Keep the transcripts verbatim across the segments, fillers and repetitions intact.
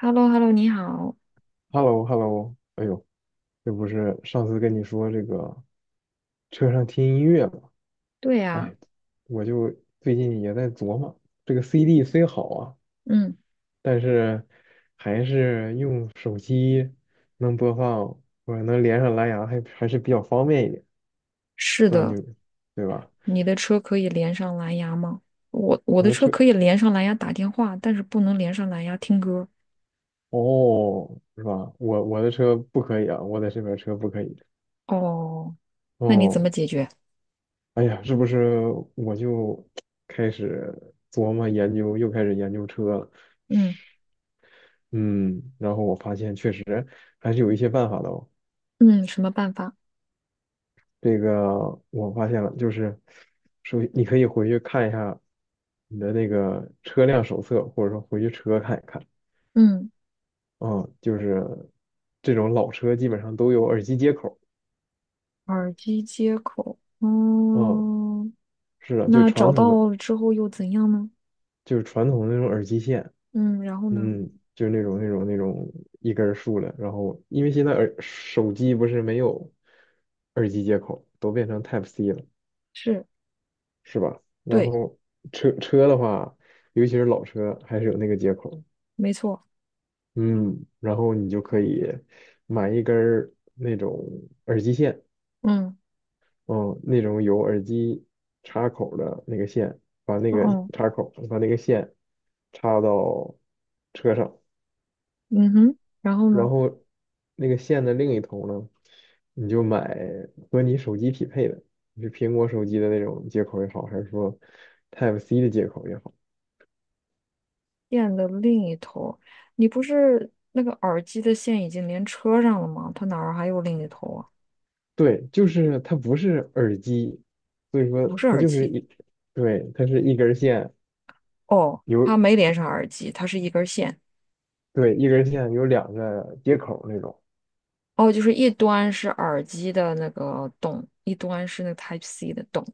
h e l l o h e l l o 你好。h e l l o h e l l o 哎呦，这不是上次跟你说这个车上听音乐嘛？对呀，哎，我就最近也在琢磨，这个 C D 虽好啊，嗯，但是还是用手机能播放或者能连上蓝牙还还是比较方便一点，是不知道你的，对吧？你的车可以连上蓝牙吗？我我我的的车车可以连上蓝牙打电话，但是不能连上蓝牙听歌。哦，是吧？我我的车不可以啊，我在这边车不可以。哦，那你怎么哦，解决？哎呀，是不是我就开始琢磨研究，又开始研究车了？嗯嗯，然后我发现确实还是有一些办法的哦。嗯，什么办法？这个我发现了，就是首你可以回去看一下你的那个车辆手册，或者说回去车看一看。嗯，嗯，就是这种老车基本上都有耳机接口。耳机接口。嗯，嗯，是的，就那传找统的，到了之后又怎样呢？就是传统的那种耳机线。嗯，然后呢？嗯，就是那种那种那种一根儿竖的，然后因为现在耳手机不是没有耳机接口，都变成 Type C 了，是，是吧？然对，后车车的话，尤其是老车，还是有那个接口，没错。嗯，然后你就可以买一根儿那种耳机线，嗯，嗯，那种有耳机插口的那个线，把那个哦，插口把那个线插到车上，嗯哼，然后然呢？后那个线的另一头呢，你就买和你手机匹配的，是苹果手机的那种接口也好，还是说 Type C 的接口也好，电的另一头，你不是那个耳机的线已经连车上了吗？它哪儿还有另一头啊？对，就是它不是耳机，所以说不是它耳就是机。一，对，它是一根线哦，有，它没连上耳机，它是一根线。对，一根线有两个接口那种，哦，就是一端是耳机的那个洞，一端是那个 Type C 的洞。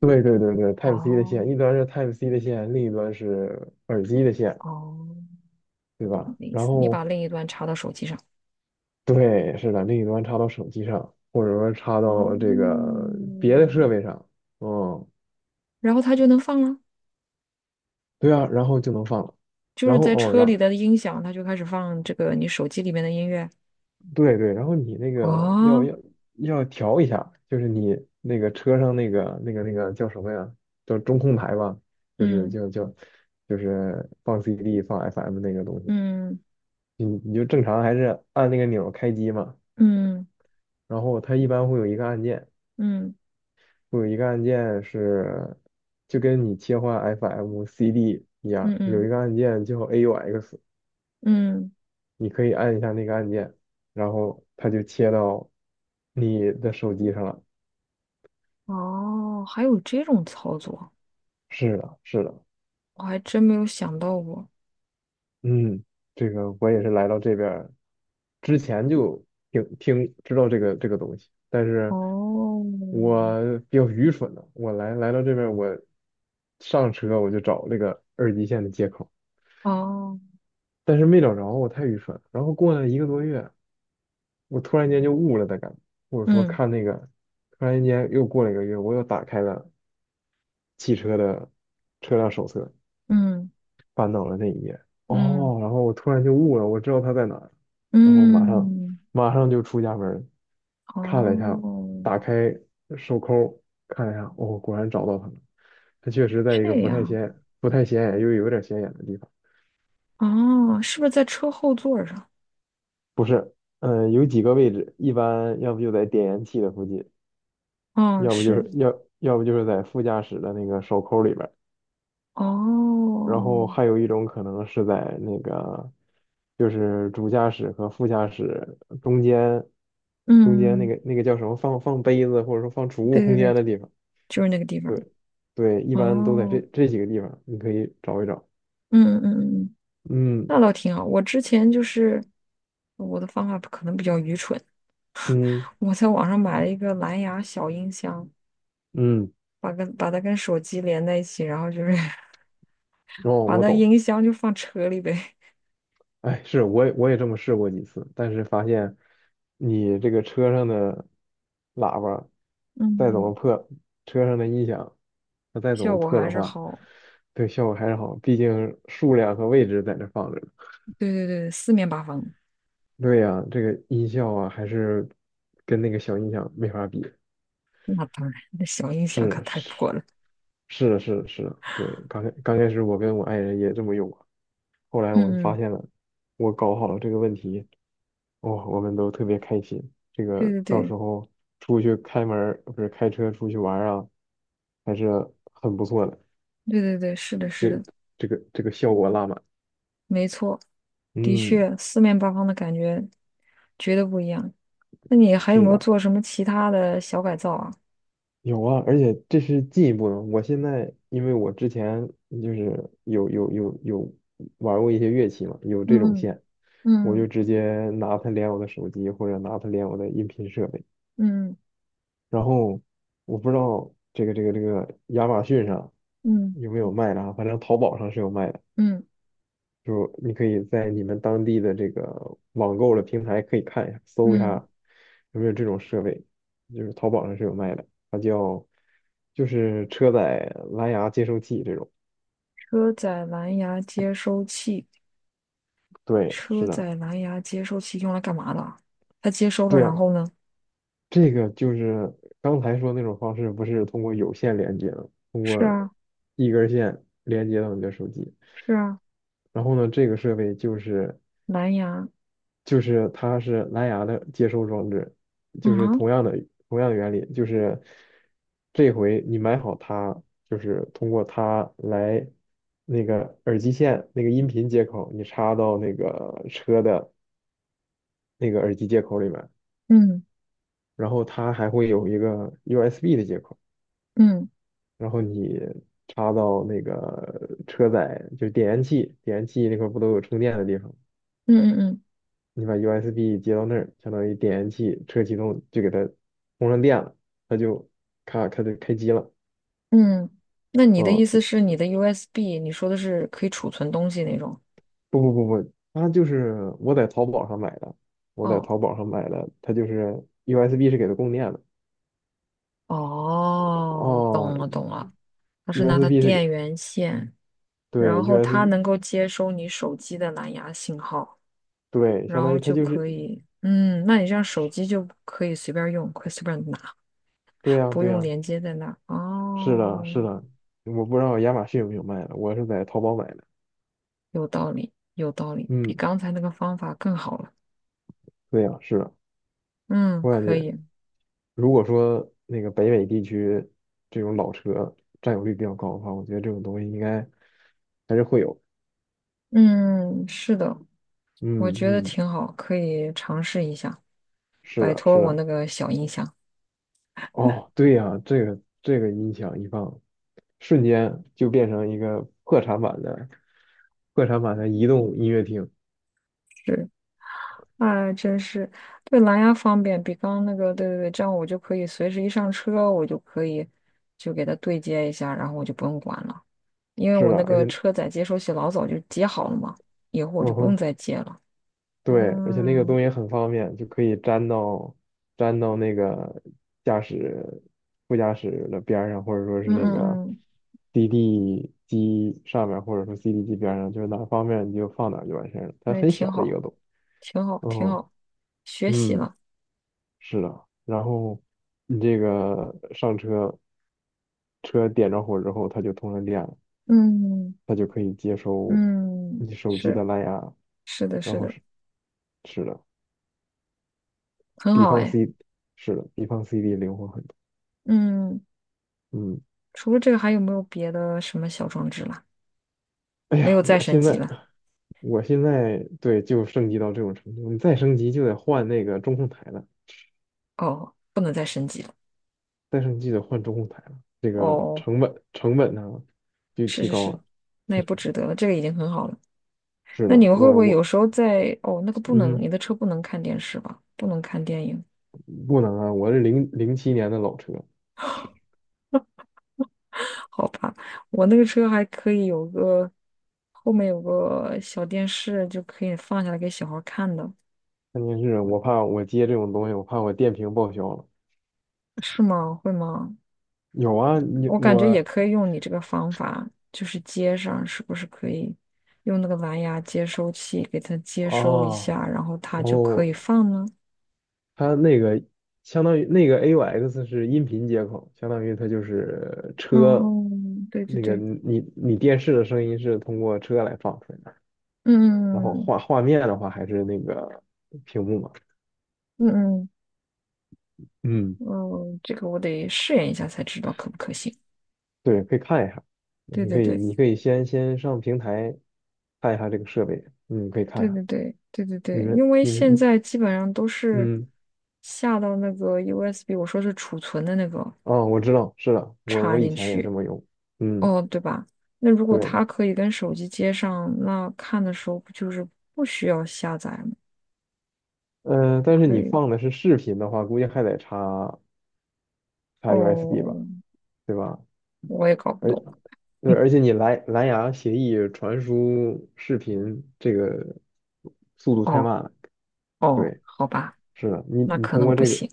对对对对，Type C 的线，哦一端是 Type C 的线，另一端是耳机的线，哦，我对懂你吧？的意然思，你把后另一端插到手机上。对，是的，另一端插到手机上，或者说插到这哦，个别的设备上，嗯，然后它就能放了，对啊，然后就能放了。就是然后在哦，车里然，的音响，它就开始放这个你手机里面的音乐。对对，然后你那个要哦，要要调一下，就是你那个车上那个那个那个叫什么呀？叫中控台吧，就是嗯叫叫就是放 C D 放 F M 那个东西，嗯。你你就正常还是按那个钮儿开机嘛，嗯然后它一般会有一个按键。嗯有一个按键是就跟你切换 F M、C D 一嗯样，有一嗯个按键叫 A U X，嗯，你可以按一下那个按键，然后它就切到你的手机上了。哦，还有这种操作，是的，是的，我还真没有想到过。嗯，这个我也是来到这边儿之前就听听知道这个这个东西，但是哦，我比较愚蠢的，我来来到这边儿我上车我就找这个耳机线的接口。哦，但是没找着，我太愚蠢了然后过了一个多月，我突然间就悟了的感觉，或者说嗯看那个，突然间又过了一个月，我又打开了汽车的车辆手册，嗯翻到了那一页。嗯哦，然后我突然就悟了，我知道它在哪儿，然后马上嗯，马上就出家门儿，看了一下，哦，打开手抠看了一下，哦，果然找到它了。它确实在一个这不太样，显不太显眼又有点显眼的地方。哦，是不是在车后座儿上？不是，嗯、有几个位置，一般要不就在点烟器的附近，哦，要不就是，是要要不就是在副驾驶的那个手扣里边儿，然哦，后还有一种可能是在那个就是主驾驶和副驾驶中间中间那嗯个那个叫什么放放杯子或者说放储物对对空对，间的地方，就是那个地方。对对，一般都在这哦，这几个地方，你可以找一找。嗯嗯嗯，嗯那嗯倒挺好。我之前就是我的方法可能比较愚蠢，嗯我在网上买了一个蓝牙小音箱，嗯，把跟把它跟手机连在一起，然后就是 哦，把我那懂。音箱就放车里呗。哎，是，我也我也这么试过几次，但是发现你这个车上的喇叭再怎嗯，么破，车上的音响它 再怎效么果破还的是话，好。对效果还是好，毕竟数量和位置在那放着呢对对对，四面八方。对呀，这个音效啊，还是跟那个小音响没法比。那当然，那小音响是可的太是破了。是的是的是的，对，刚开刚开始我跟我爱人也这么用过，后来我们嗯发嗯，现了，我搞好了这个问题。哦，我们都特别开心。这对个对到时对候出去开门儿，不是开车出去玩儿啊，还是很不错的。对对对，是的，是就的，这个这个效果拉满。没错，的嗯，确，四面八方的感觉绝对不一样。那你还有是没有的，做什么其他的小改造啊？有啊，而且这是进一步的。我现在因为我之前就是有有有有玩过一些乐器嘛，有这种嗯线，我就嗯直接拿它连我的手机或者拿它连我的音频设备。嗯然后我不知道这个这个这个亚马逊上嗯有没有卖的啊，反正淘宝上是有卖的，嗯嗯嗯。就你可以在你们当地的这个网购的平台可以看一下，搜一嗯下有没有这种设备，就是淘宝上是有卖的，它叫就是车载蓝牙接收器这种。车载蓝牙接收器，对，车是的，载蓝牙接收器用来干嘛的啊，它接收了，对呀、然后呢？这个就是刚才说那种方式，不是通过有线连接的，通是过啊，一根线连接到你的手机。是啊，然后呢，这个设备就是蓝牙，就是它是蓝牙的接收装置，就嗯是啊，同样的同样的原理，就是这回你买好它，就是通过它来那个耳机线那个音频接口，你插到那个车的那个耳机接口里面，嗯然后它还会有一个 U S B 的接口。嗯然后你插到那个车载，就是点烟器，点烟器那块儿不都有充电的地方？嗯嗯你把 U S B 接到那儿，相当于点烟器车启动就给它充上电了，它就咔开就开机了。嗯嗯。那你的意思嗯，是你的 U S B，你说的是可以储存东西那种？不不不不，它就是我在淘宝上买的，我在哦淘宝上买的，它就是 U S B 是给它供电的。哦，哦懂了懂了，它是拿它，U S B 是给，电源线，然对后它，U S B，能够接收你手机的蓝牙信号，对，相然当于后它就就是，可以，嗯，那你这样手机就可以随便用，可以随便拿。对呀，不对用呀，连接在那儿。是的，哦，是的，我不知道亚马逊有没有卖的，我是在淘宝买的。有道理，有道理，比嗯，刚才那个方法更好了。对呀，是的，嗯，我感可觉以。如果说那个北美地区这种老车占有率比较高的话，我觉得这种东西应该还是会有。嗯，是的，我嗯觉得嗯，挺好，可以尝试一下，是摆的，是脱我的。那个小音箱。哦，对呀，这个这个音响一放，瞬间就变成一个破产版的破产版的移动音乐厅。是，哎，真是，对，蓝牙方便，比刚刚那个，对对对，这样我就可以随时一上车，我就可以就给它对接一下，然后我就不用管了，因为是我的，那而个且，车载接收器老早就接好了嘛，以后我就嗯不用哼。再接了。对，而且那个东嗯西很方便，就可以粘到粘到那个驾驶副驾驶的边儿上，或者说是嗯那嗯个 嗯。C D 机上面，或者说 C D 机边儿上，就是哪儿方便你就放哪儿就完事儿了。它那也很小挺的一好，个洞。挺好，挺嗯好，学习嗯，了，是的。然后你这个上车，车点着火之后，它就通上电了，嗯它就可以接收嗯你手机是的蓝牙，是的，然是后的，是是的。很比好方 哎。C 是的，比方 C D 灵活很多。嗯，嗯，除了这个，还有没有别的什么小装置了？哎没呀，有再我升现级在了，我现在对就升级到这种程度，你再升级就得换那个中控台了，哦，不能再升级了，再升级就得换中控台了，这个哦，成本成本呢就是提是高是，了。那也不 值得了，这个已经很好了。是那的，你们会不我会有我时候在，哦，那个不能，嗯，你的车不能看电视吧？不能看电影，不能啊，我是二零零七年的老车，我那个车还可以有个后面有个小电视，就可以放下来给小孩儿看的。关键是我怕我接这种东西，我怕我电瓶报销了。是吗？会吗？有啊，你我感我觉也啊，可以用你这个方法，就是接上，是不是可以用那个蓝牙接收器给它接收一哦，下，然后它就可以哦放呢？它那个相当于那个 A U X 是音频接口，相当于它就是车嗯，对对那个对，你你电视的声音是通过车来放出来的，然后嗯画画面的话还是那个屏幕嘛。嗯嗯嗯，嗯，嗯，这个我得试验一下才知道可不可行。对，可以看一下，对你对可以对你可以先先上平台看一下这个设备，嗯，可以看一对下。对对对对你对，们因为你现们在基本上都是嗯下到那个 U S B，我说是储存的那个哦，我知道，是的，我插我以进前也这去。么用，嗯，哦，对吧？那如果对，它可以跟手机接上，那看的时候不就是不需要下载吗？呃，但是可你以。放的是视频的话，估计还得插。插 U S B 哦，吧，对吧？我也搞不而懂。对，而且你蓝蓝牙协议传输视频这个速度太哦慢了。哦，对，好吧，是的，你那你可通能过不这个，行。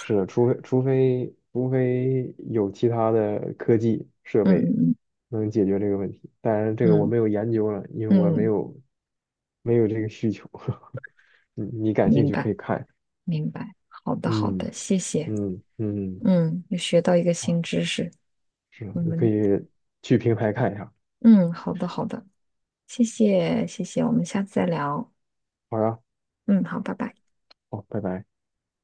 是的，除非除非除非有其他的科技设嗯备嗯能解决这个问题，当然这个我嗯没有研究了，因为我没嗯有没有这个需求。你你感嗯，兴明趣可白以看，明白。好的好嗯的，谢谢。嗯嗯，嗯嗯，又学到一个哇，新知识。是的，我你可以们去平台看一下。嗯，好的好的，谢谢谢谢，我们下次再聊。好呀，嗯，好，拜拜。哦，拜拜。